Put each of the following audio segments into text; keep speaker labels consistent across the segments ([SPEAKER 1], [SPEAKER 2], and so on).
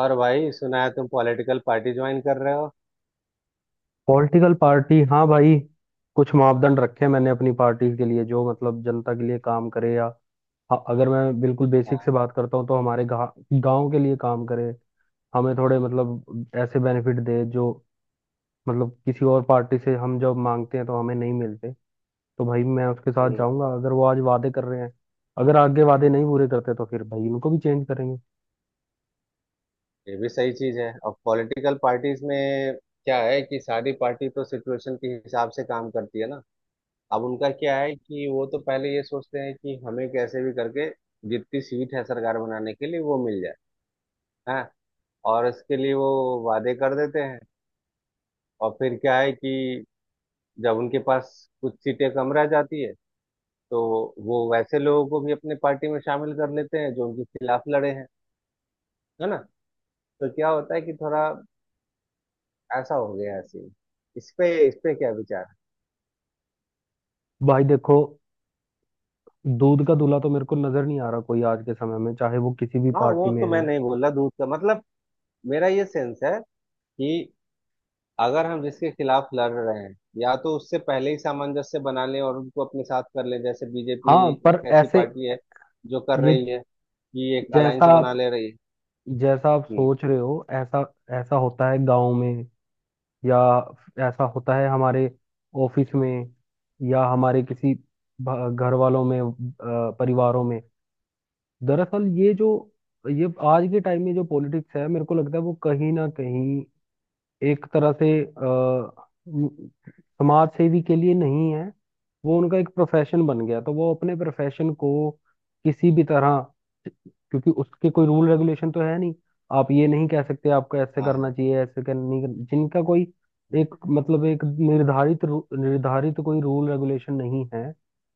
[SPEAKER 1] और भाई सुना है तुम पॉलिटिकल पार्टी ज्वाइन कर रहे हो?
[SPEAKER 2] पॉलिटिकल पार्टी, हाँ भाई। कुछ मापदंड रखे हैं मैंने अपनी पार्टी के लिए, जो मतलब जनता के लिए काम करे या हाँ, अगर मैं बिल्कुल बेसिक से
[SPEAKER 1] हाँ।
[SPEAKER 2] बात करता हूँ तो हमारे गांव के लिए काम करे, हमें थोड़े मतलब ऐसे बेनिफिट दे जो मतलब किसी और पार्टी से हम जब मांगते हैं तो हमें नहीं मिलते। तो भाई मैं उसके साथ
[SPEAKER 1] हम्म।
[SPEAKER 2] जाऊंगा अगर वो आज वादे कर रहे हैं। अगर आगे वादे नहीं पूरे करते तो फिर भाई उनको भी चेंज करेंगे।
[SPEAKER 1] ये भी सही चीज है और पॉलिटिकल पार्टीज में क्या है कि सारी पार्टी तो सिचुएशन के हिसाब से काम करती है ना। अब उनका क्या है कि वो तो पहले ये सोचते हैं कि हमें कैसे भी करके जितनी सीट है सरकार बनाने के लिए वो मिल जाए। हाँ। और इसके लिए वो वादे कर देते हैं। और फिर क्या है कि जब उनके पास कुछ सीटें कम रह जाती है तो वो वैसे लोगों को भी अपने पार्टी में शामिल कर लेते हैं जो उनके खिलाफ लड़े हैं, है ना। तो क्या होता है कि थोड़ा ऐसा हो गया ऐसे ही। इस पे क्या विचार है?
[SPEAKER 2] भाई देखो, दूध का दूल्हा तो मेरे को नजर नहीं आ रहा कोई आज के समय में, चाहे वो किसी भी
[SPEAKER 1] हाँ,
[SPEAKER 2] पार्टी
[SPEAKER 1] वो
[SPEAKER 2] में
[SPEAKER 1] तो मैं
[SPEAKER 2] है।
[SPEAKER 1] नहीं बोल रहा, दूध का मतलब मेरा ये सेंस है कि अगर हम जिसके खिलाफ लड़ रहे हैं या तो उससे पहले ही सामंजस्य बना लें और उनको अपने साथ कर लें। जैसे बीजेपी
[SPEAKER 2] हाँ पर
[SPEAKER 1] एक ऐसी
[SPEAKER 2] ऐसे,
[SPEAKER 1] पार्टी है जो कर
[SPEAKER 2] ये
[SPEAKER 1] रही है कि एक
[SPEAKER 2] जैसा
[SPEAKER 1] अलायंस बना
[SPEAKER 2] आप
[SPEAKER 1] ले रही है।
[SPEAKER 2] जैसा आप
[SPEAKER 1] हम्म।
[SPEAKER 2] सोच रहे हो, ऐसा ऐसा होता है गांव में, या ऐसा होता है हमारे ऑफिस में, या हमारे किसी घर वालों में, परिवारों में। दरअसल ये आज के टाइम में जो पॉलिटिक्स है, मेरे को लगता है वो कहीं ना कहीं एक तरह से समाज सेवी के लिए नहीं है। वो उनका एक प्रोफेशन बन गया, तो वो अपने प्रोफेशन को किसी भी तरह, क्योंकि उसके कोई रूल रेगुलेशन तो है नहीं। आप ये नहीं कह सकते आपको ऐसे
[SPEAKER 1] हाँ
[SPEAKER 2] करना
[SPEAKER 1] हाँ।
[SPEAKER 2] चाहिए, ऐसे कर नहीं कर- जिनका कोई
[SPEAKER 1] हम्म।
[SPEAKER 2] एक मतलब एक निर्धारित निर्धारित कोई रूल रेगुलेशन नहीं है,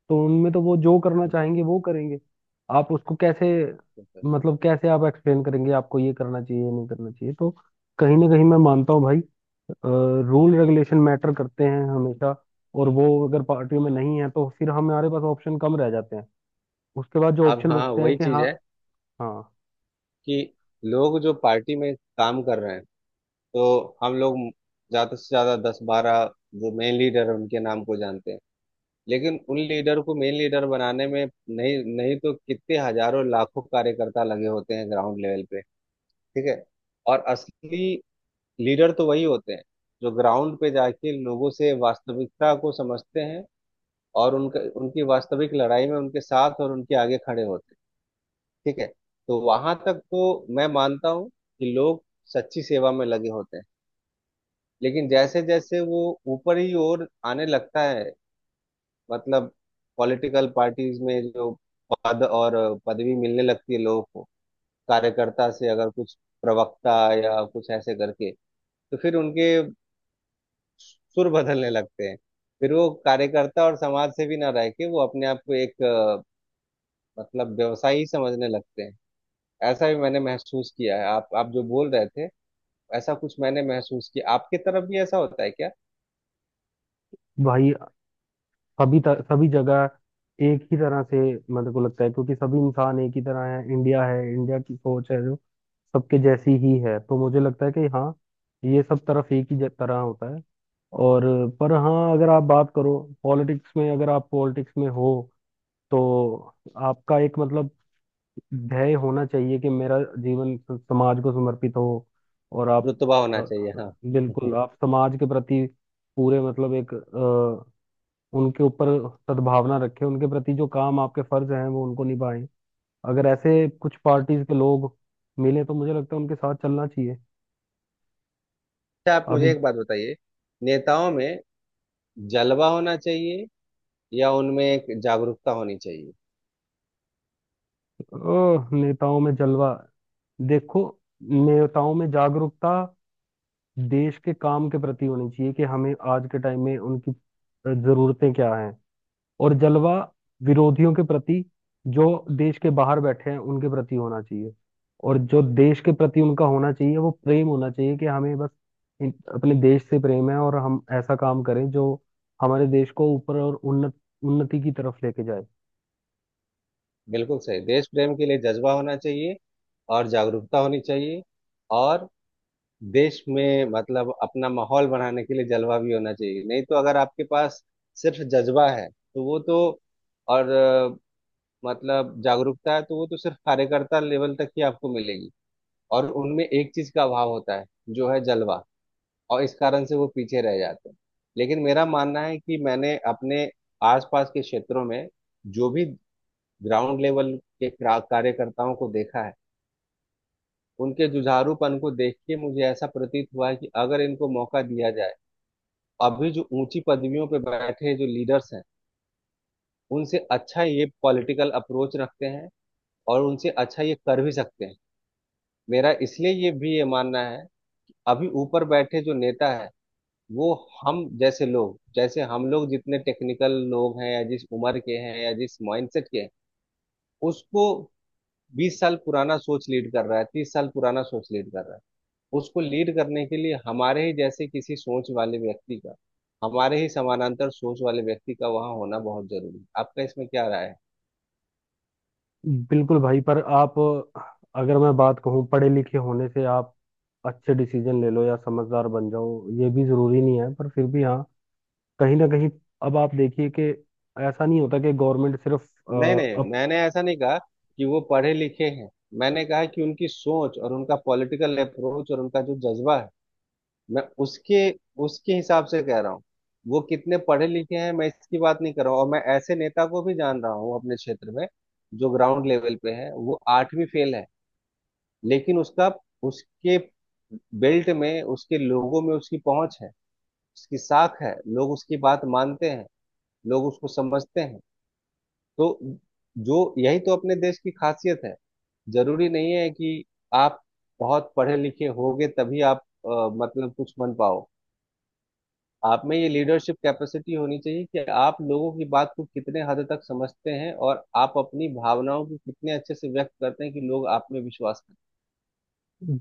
[SPEAKER 2] तो उनमें तो वो जो करना
[SPEAKER 1] हम्म।
[SPEAKER 2] चाहेंगे वो करेंगे। आप उसको कैसे,
[SPEAKER 1] हम्म।
[SPEAKER 2] मतलब कैसे आप एक्सप्लेन करेंगे आपको ये करना चाहिए ये नहीं करना चाहिए। तो कहीं ना कहीं मैं मानता हूँ भाई, रूल रेगुलेशन मैटर करते हैं हमेशा, और वो अगर पार्टियों में नहीं है तो फिर हमारे पास ऑप्शन कम रह जाते हैं। उसके बाद जो
[SPEAKER 1] अब
[SPEAKER 2] ऑप्शन
[SPEAKER 1] हाँ
[SPEAKER 2] बचते हैं
[SPEAKER 1] वही
[SPEAKER 2] कि
[SPEAKER 1] चीज
[SPEAKER 2] हाँ।
[SPEAKER 1] है
[SPEAKER 2] हाँ
[SPEAKER 1] कि लोग जो पार्टी में काम कर रहे हैं तो हम लोग ज्यादा से ज्यादा 10-12 जो मेन लीडर है उनके नाम को जानते हैं। लेकिन उन लीडर को मेन लीडर बनाने में नहीं नहीं तो कितने हजारों लाखों कार्यकर्ता लगे होते हैं ग्राउंड लेवल पे। ठीक है। और असली लीडर तो वही होते हैं जो ग्राउंड पे जाके लोगों से वास्तविकता को समझते हैं और उनका, उनकी वास्तविक लड़ाई में उनके साथ और उनके आगे खड़े होते हैं। ठीक है। तो वहां तक तो मैं मानता हूँ कि लोग सच्ची सेवा में लगे होते हैं। लेकिन जैसे जैसे वो ऊपर ही ओर आने लगता है, मतलब पॉलिटिकल पार्टीज में जो पद और पदवी मिलने लगती है लोगों को, कार्यकर्ता से अगर कुछ प्रवक्ता या कुछ ऐसे करके, तो फिर उनके सुर बदलने लगते हैं। फिर वो कार्यकर्ता और समाज से भी ना रह के वो अपने आप को एक मतलब व्यवसायी समझने लगते हैं। ऐसा भी मैंने महसूस किया है। आप जो बोल रहे थे ऐसा कुछ मैंने महसूस किया। आपकी तरफ भी ऐसा होता है क्या?
[SPEAKER 2] भाई, सभी जगह एक ही तरह से मेरे को लगता है, क्योंकि सभी इंसान एक ही तरह है। इंडिया है, इंडिया की सोच है जो सबके जैसी ही है, तो मुझे लगता है कि हाँ, ये सब तरफ एक ही तरह होता है। और पर हाँ, अगर आप बात करो, पॉलिटिक्स में अगर आप पॉलिटिक्स में हो, तो आपका एक मतलब ध्येय होना चाहिए कि मेरा जीवन समाज को समर्पित हो, और आप
[SPEAKER 1] रुतबा होना
[SPEAKER 2] अ,
[SPEAKER 1] चाहिए, हाँ।
[SPEAKER 2] बिल्कुल आप समाज के प्रति पूरे मतलब एक उनके ऊपर सद्भावना रखें, उनके प्रति जो काम आपके फर्ज हैं वो उनको निभाएं। अगर ऐसे कुछ पार्टीज के लोग मिले तो मुझे लगता है उनके साथ चलना चाहिए।
[SPEAKER 1] अच्छा आप मुझे
[SPEAKER 2] अभी।
[SPEAKER 1] एक बात बताइए, नेताओं में जलवा होना चाहिए या उनमें एक जागरूकता होनी चाहिए?
[SPEAKER 2] नेताओं में जलवा, देखो, नेताओं में जागरूकता देश के काम के प्रति होनी चाहिए कि हमें आज के टाइम में उनकी जरूरतें क्या हैं, और जलवा विरोधियों के प्रति, जो देश के बाहर बैठे हैं उनके प्रति होना चाहिए। और जो देश के प्रति उनका होना चाहिए वो प्रेम होना चाहिए, कि हमें बस अपने देश से प्रेम है, और हम ऐसा काम करें जो हमारे देश को ऊपर और उन्नत, उन्नति की तरफ लेके जाए।
[SPEAKER 1] बिल्कुल सही। देश प्रेम के लिए जज्बा होना चाहिए और जागरूकता होनी चाहिए, और देश में मतलब अपना माहौल बनाने के लिए जलवा भी होना चाहिए। नहीं तो अगर आपके पास सिर्फ जज्बा है तो वो तो, और मतलब जागरूकता है तो वो तो सिर्फ कार्यकर्ता लेवल तक ही आपको मिलेगी। और उनमें एक चीज का अभाव होता है जो है जलवा, और इस कारण से वो पीछे रह जाते हैं। लेकिन मेरा मानना है कि मैंने अपने आसपास के क्षेत्रों में जो भी ग्राउंड लेवल के कार्यकर्ताओं को देखा है, उनके जुझारूपन को देख के मुझे ऐसा प्रतीत हुआ है कि अगर इनको मौका दिया जाए, अभी जो ऊंची पदवियों पर बैठे जो लीडर्स हैं उनसे अच्छा ये पॉलिटिकल अप्रोच रखते हैं और उनसे अच्छा ये कर भी सकते हैं। मेरा इसलिए ये भी ये मानना है, अभी ऊपर बैठे जो नेता है वो हम जैसे लोग, जैसे हम लोग जितने टेक्निकल लोग हैं या जिस उम्र के हैं या जिस माइंडसेट के हैं, उसको 20 साल पुराना सोच लीड कर रहा है, 30 साल पुराना सोच लीड कर रहा है। उसको लीड करने के लिए हमारे ही जैसे किसी सोच वाले व्यक्ति का, हमारे ही समानांतर सोच वाले व्यक्ति का वहाँ होना बहुत जरूरी है। आपका इसमें क्या राय है?
[SPEAKER 2] बिल्कुल भाई, पर आप, अगर मैं बात कहूँ, पढ़े लिखे होने से आप अच्छे डिसीजन ले लो या समझदार बन जाओ, ये भी जरूरी नहीं है, पर फिर भी हाँ, कहीं ना कहीं अब आप देखिए कि ऐसा नहीं होता कि गवर्नमेंट सिर्फ
[SPEAKER 1] नहीं नहीं,
[SPEAKER 2] अब।
[SPEAKER 1] मैंने ऐसा नहीं कहा कि वो पढ़े लिखे हैं। मैंने कहा कि उनकी सोच और उनका पॉलिटिकल अप्रोच और उनका जो जज्बा है, मैं उसके उसके हिसाब से कह रहा हूँ। वो कितने पढ़े लिखे हैं मैं इसकी बात नहीं कर रहा हूँ। और मैं ऐसे नेता को भी जान रहा हूँ अपने क्षेत्र में जो ग्राउंड लेवल पे है, वो 8वीं फेल है। लेकिन उसका, उसके बेल्ट में, उसके लोगों में उसकी पहुंच है, उसकी साख है, लोग उसकी बात मानते हैं, लोग उसको समझते हैं। तो जो यही तो अपने देश की खासियत है। जरूरी नहीं है कि आप बहुत पढ़े लिखे होगे तभी आप मतलब कुछ बन पाओ। आप में ये लीडरशिप कैपेसिटी होनी चाहिए कि आप लोगों की बात को कितने हद तक समझते हैं और आप अपनी भावनाओं को कितने अच्छे से व्यक्त करते हैं कि लोग आप में विश्वास करें।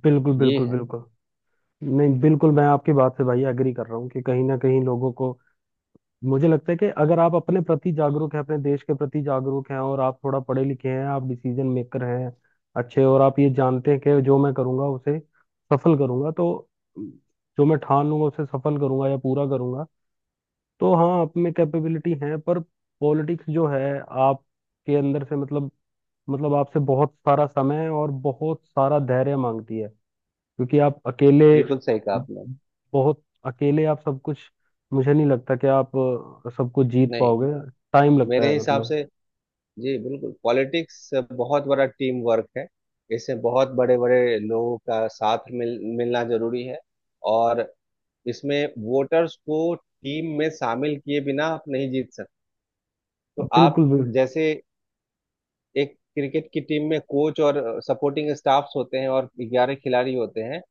[SPEAKER 2] बिल्कुल
[SPEAKER 1] ये
[SPEAKER 2] बिल्कुल
[SPEAKER 1] है।
[SPEAKER 2] बिल्कुल। नहीं, बिल्कुल मैं आपकी बात से भाई एग्री कर रहा हूँ कि कहीं ना कहीं लोगों को, मुझे लगता है कि अगर आप अपने प्रति जागरूक हैं, अपने देश के प्रति जागरूक हैं, और आप थोड़ा पढ़े लिखे हैं, आप डिसीजन मेकर हैं अच्छे, और आप ये जानते हैं कि जो मैं करूँगा उसे सफल करूँगा, तो जो मैं ठान लूंगा उसे सफल करूंगा या पूरा करूंगा, तो हाँ, आप में कैपेबिलिटी है। पर पॉलिटिक्स जो है आपके अंदर से मतलब, मतलब आपसे बहुत सारा समय और बहुत सारा धैर्य मांगती है, क्योंकि आप अकेले,
[SPEAKER 1] बिल्कुल सही कहा आपने।
[SPEAKER 2] बहुत अकेले आप सब कुछ, मुझे नहीं लगता कि आप सब कुछ जीत
[SPEAKER 1] नहीं,
[SPEAKER 2] पाओगे। टाइम लगता
[SPEAKER 1] मेरे
[SPEAKER 2] है
[SPEAKER 1] हिसाब
[SPEAKER 2] मतलब।
[SPEAKER 1] से जी, बिल्कुल पॉलिटिक्स बहुत बड़ा टीम वर्क है। इसमें बहुत बड़े बड़े लोगों का साथ मिलना जरूरी है, और इसमें वोटर्स को टीम में शामिल किए बिना आप नहीं जीत सकते। तो आप,
[SPEAKER 2] बिल्कुल भी।
[SPEAKER 1] जैसे एक क्रिकेट की टीम में कोच और सपोर्टिंग स्टाफ्स होते हैं और 11 खिलाड़ी होते हैं,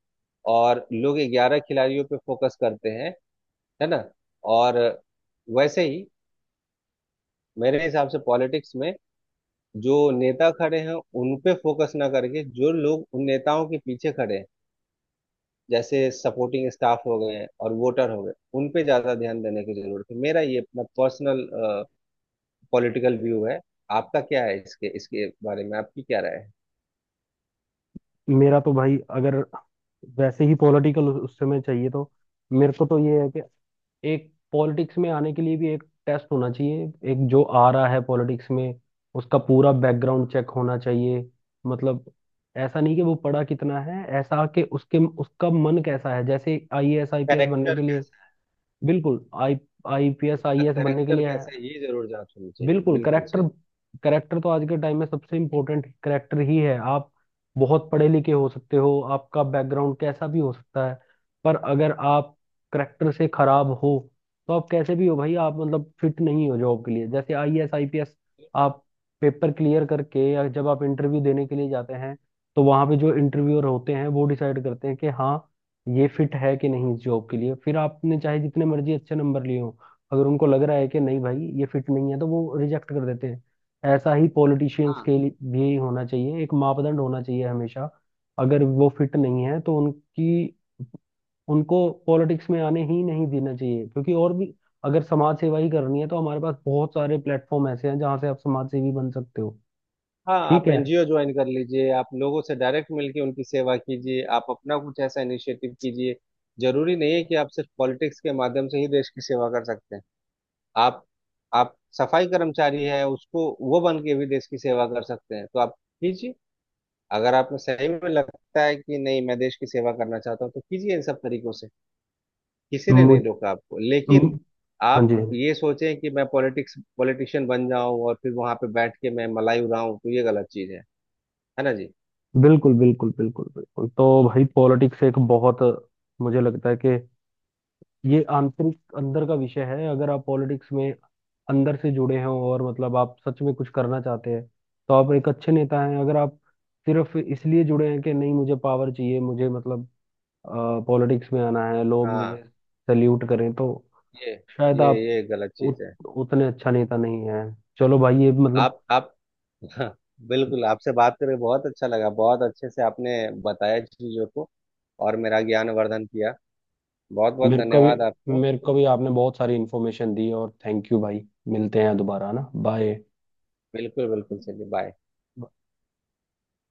[SPEAKER 1] और लोग 11 खिलाड़ियों पे फोकस करते हैं, है ना। और वैसे ही मेरे हिसाब से पॉलिटिक्स में जो नेता खड़े हैं उन पे फोकस ना करके जो लोग उन नेताओं के पीछे खड़े हैं, जैसे सपोर्टिंग स्टाफ हो गए और वोटर हो गए, उन पे ज्यादा ध्यान देने की जरूरत है। मेरा ये अपना पर्सनल पॉलिटिकल व्यू है। आपका क्या है इसके इसके बारे में? आपकी क्या राय है?
[SPEAKER 2] मेरा तो भाई, अगर वैसे ही पॉलिटिकल उस समय चाहिए, तो मेरे को तो ये है कि एक पॉलिटिक्स में आने के लिए भी एक टेस्ट होना चाहिए। एक जो आ रहा है पॉलिटिक्स में, उसका पूरा बैकग्राउंड चेक होना चाहिए। मतलब, ऐसा नहीं कि वो पढ़ा कितना है, ऐसा कि उसके उसका मन कैसा है, जैसे आईएएस आईपीएस बनने
[SPEAKER 1] करेक्टर।
[SPEAKER 2] के लिए। बिल्कुल, आई आईपीएस
[SPEAKER 1] उसका
[SPEAKER 2] आईएएस बनने के
[SPEAKER 1] करेक्टर
[SPEAKER 2] लिए आया
[SPEAKER 1] कैसा
[SPEAKER 2] है।
[SPEAKER 1] है ये जरूर जांच होनी चाहिए,
[SPEAKER 2] बिल्कुल
[SPEAKER 1] बिल्कुल
[SPEAKER 2] करेक्टर,
[SPEAKER 1] सही।
[SPEAKER 2] करेक्टर तो आज के टाइम में सबसे इम्पोर्टेंट करेक्टर ही है। आप बहुत पढ़े लिखे हो सकते हो, आपका बैकग्राउंड कैसा भी हो सकता है, पर अगर आप करेक्टर से खराब हो, तो आप कैसे भी हो भाई, आप मतलब फिट नहीं हो जॉब के लिए, जैसे आईएएस आईपीएस। आप पेपर क्लियर करके या जब आप इंटरव्यू देने के लिए जाते हैं, तो वहां पे जो इंटरव्यूअर होते हैं वो डिसाइड करते हैं कि हाँ, ये फिट है कि नहीं इस जॉब के लिए, फिर आपने चाहे जितने मर्जी अच्छे नंबर लिए हो, अगर उनको लग रहा है कि नहीं भाई ये फिट नहीं है, तो वो रिजेक्ट कर देते हैं। ऐसा ही पॉलिटिशियंस
[SPEAKER 1] हाँ।
[SPEAKER 2] के लिए भी होना चाहिए, एक मापदंड होना चाहिए हमेशा। अगर वो फिट नहीं है, तो उनकी उनको पॉलिटिक्स में आने ही नहीं देना चाहिए, क्योंकि और भी अगर समाज सेवा ही करनी है तो हमारे पास बहुत सारे प्लेटफॉर्म ऐसे हैं जहाँ से आप समाज सेवी बन सकते हो।
[SPEAKER 1] हाँ,
[SPEAKER 2] ठीक
[SPEAKER 1] आप
[SPEAKER 2] है।
[SPEAKER 1] एनजीओ ज्वाइन कर लीजिए, आप लोगों से डायरेक्ट मिलके उनकी सेवा कीजिए, आप अपना कुछ ऐसा इनिशिएटिव कीजिए। जरूरी नहीं है कि आप सिर्फ पॉलिटिक्स के माध्यम से ही देश की सेवा कर सकते हैं। आप आप सफाई कर्मचारी है, उसको वो बन के भी देश की सेवा कर सकते हैं, तो आप कीजिए। अगर आपको सही में लगता है कि नहीं मैं देश की सेवा करना चाहता हूँ तो कीजिए इन सब तरीकों से, किसी ने
[SPEAKER 2] मुझ
[SPEAKER 1] नहीं रोका आपको। लेकिन
[SPEAKER 2] म- हाँ
[SPEAKER 1] आप
[SPEAKER 2] जी।
[SPEAKER 1] ये सोचें कि मैं पॉलिटिक्स, पॉलिटिशियन बन जाऊं और फिर वहां पे बैठ के मैं मलाई उड़ाऊं, तो ये गलत चीज है ना जी।
[SPEAKER 2] बिल्कुल बिल्कुल बिल्कुल बिल्कुल। तो भाई पॉलिटिक्स एक बहुत, मुझे लगता है कि ये आंतरिक अंदर का विषय है। अगर आप पॉलिटिक्स में अंदर से जुड़े हों, और मतलब आप सच में कुछ करना चाहते हैं, तो आप एक अच्छे नेता हैं। अगर आप सिर्फ इसलिए जुड़े हैं कि नहीं, मुझे पावर चाहिए, मुझे मतलब पॉलिटिक्स में आना है, लोग मुझे
[SPEAKER 1] हाँ।
[SPEAKER 2] सल्यूट करें, तो
[SPEAKER 1] ये
[SPEAKER 2] शायद
[SPEAKER 1] ये
[SPEAKER 2] आप
[SPEAKER 1] ये गलत चीज
[SPEAKER 2] उत,
[SPEAKER 1] है।
[SPEAKER 2] उतने अच्छा नेता नहीं है। चलो भाई ये मतलब,
[SPEAKER 1] आप हाँ, बिल्कुल। आपसे बात करके बहुत अच्छा लगा, बहुत अच्छे से आपने बताया चीजों को और मेरा ज्ञान वर्धन किया। बहुत बहुत
[SPEAKER 2] मेरे को भी
[SPEAKER 1] धन्यवाद आपको।
[SPEAKER 2] मेरे को भी आपने बहुत सारी इन्फॉर्मेशन दी, और थैंक यू भाई। मिलते हैं दोबारा ना, बाय।
[SPEAKER 1] बिल्कुल बिल्कुल, चलिए बाय।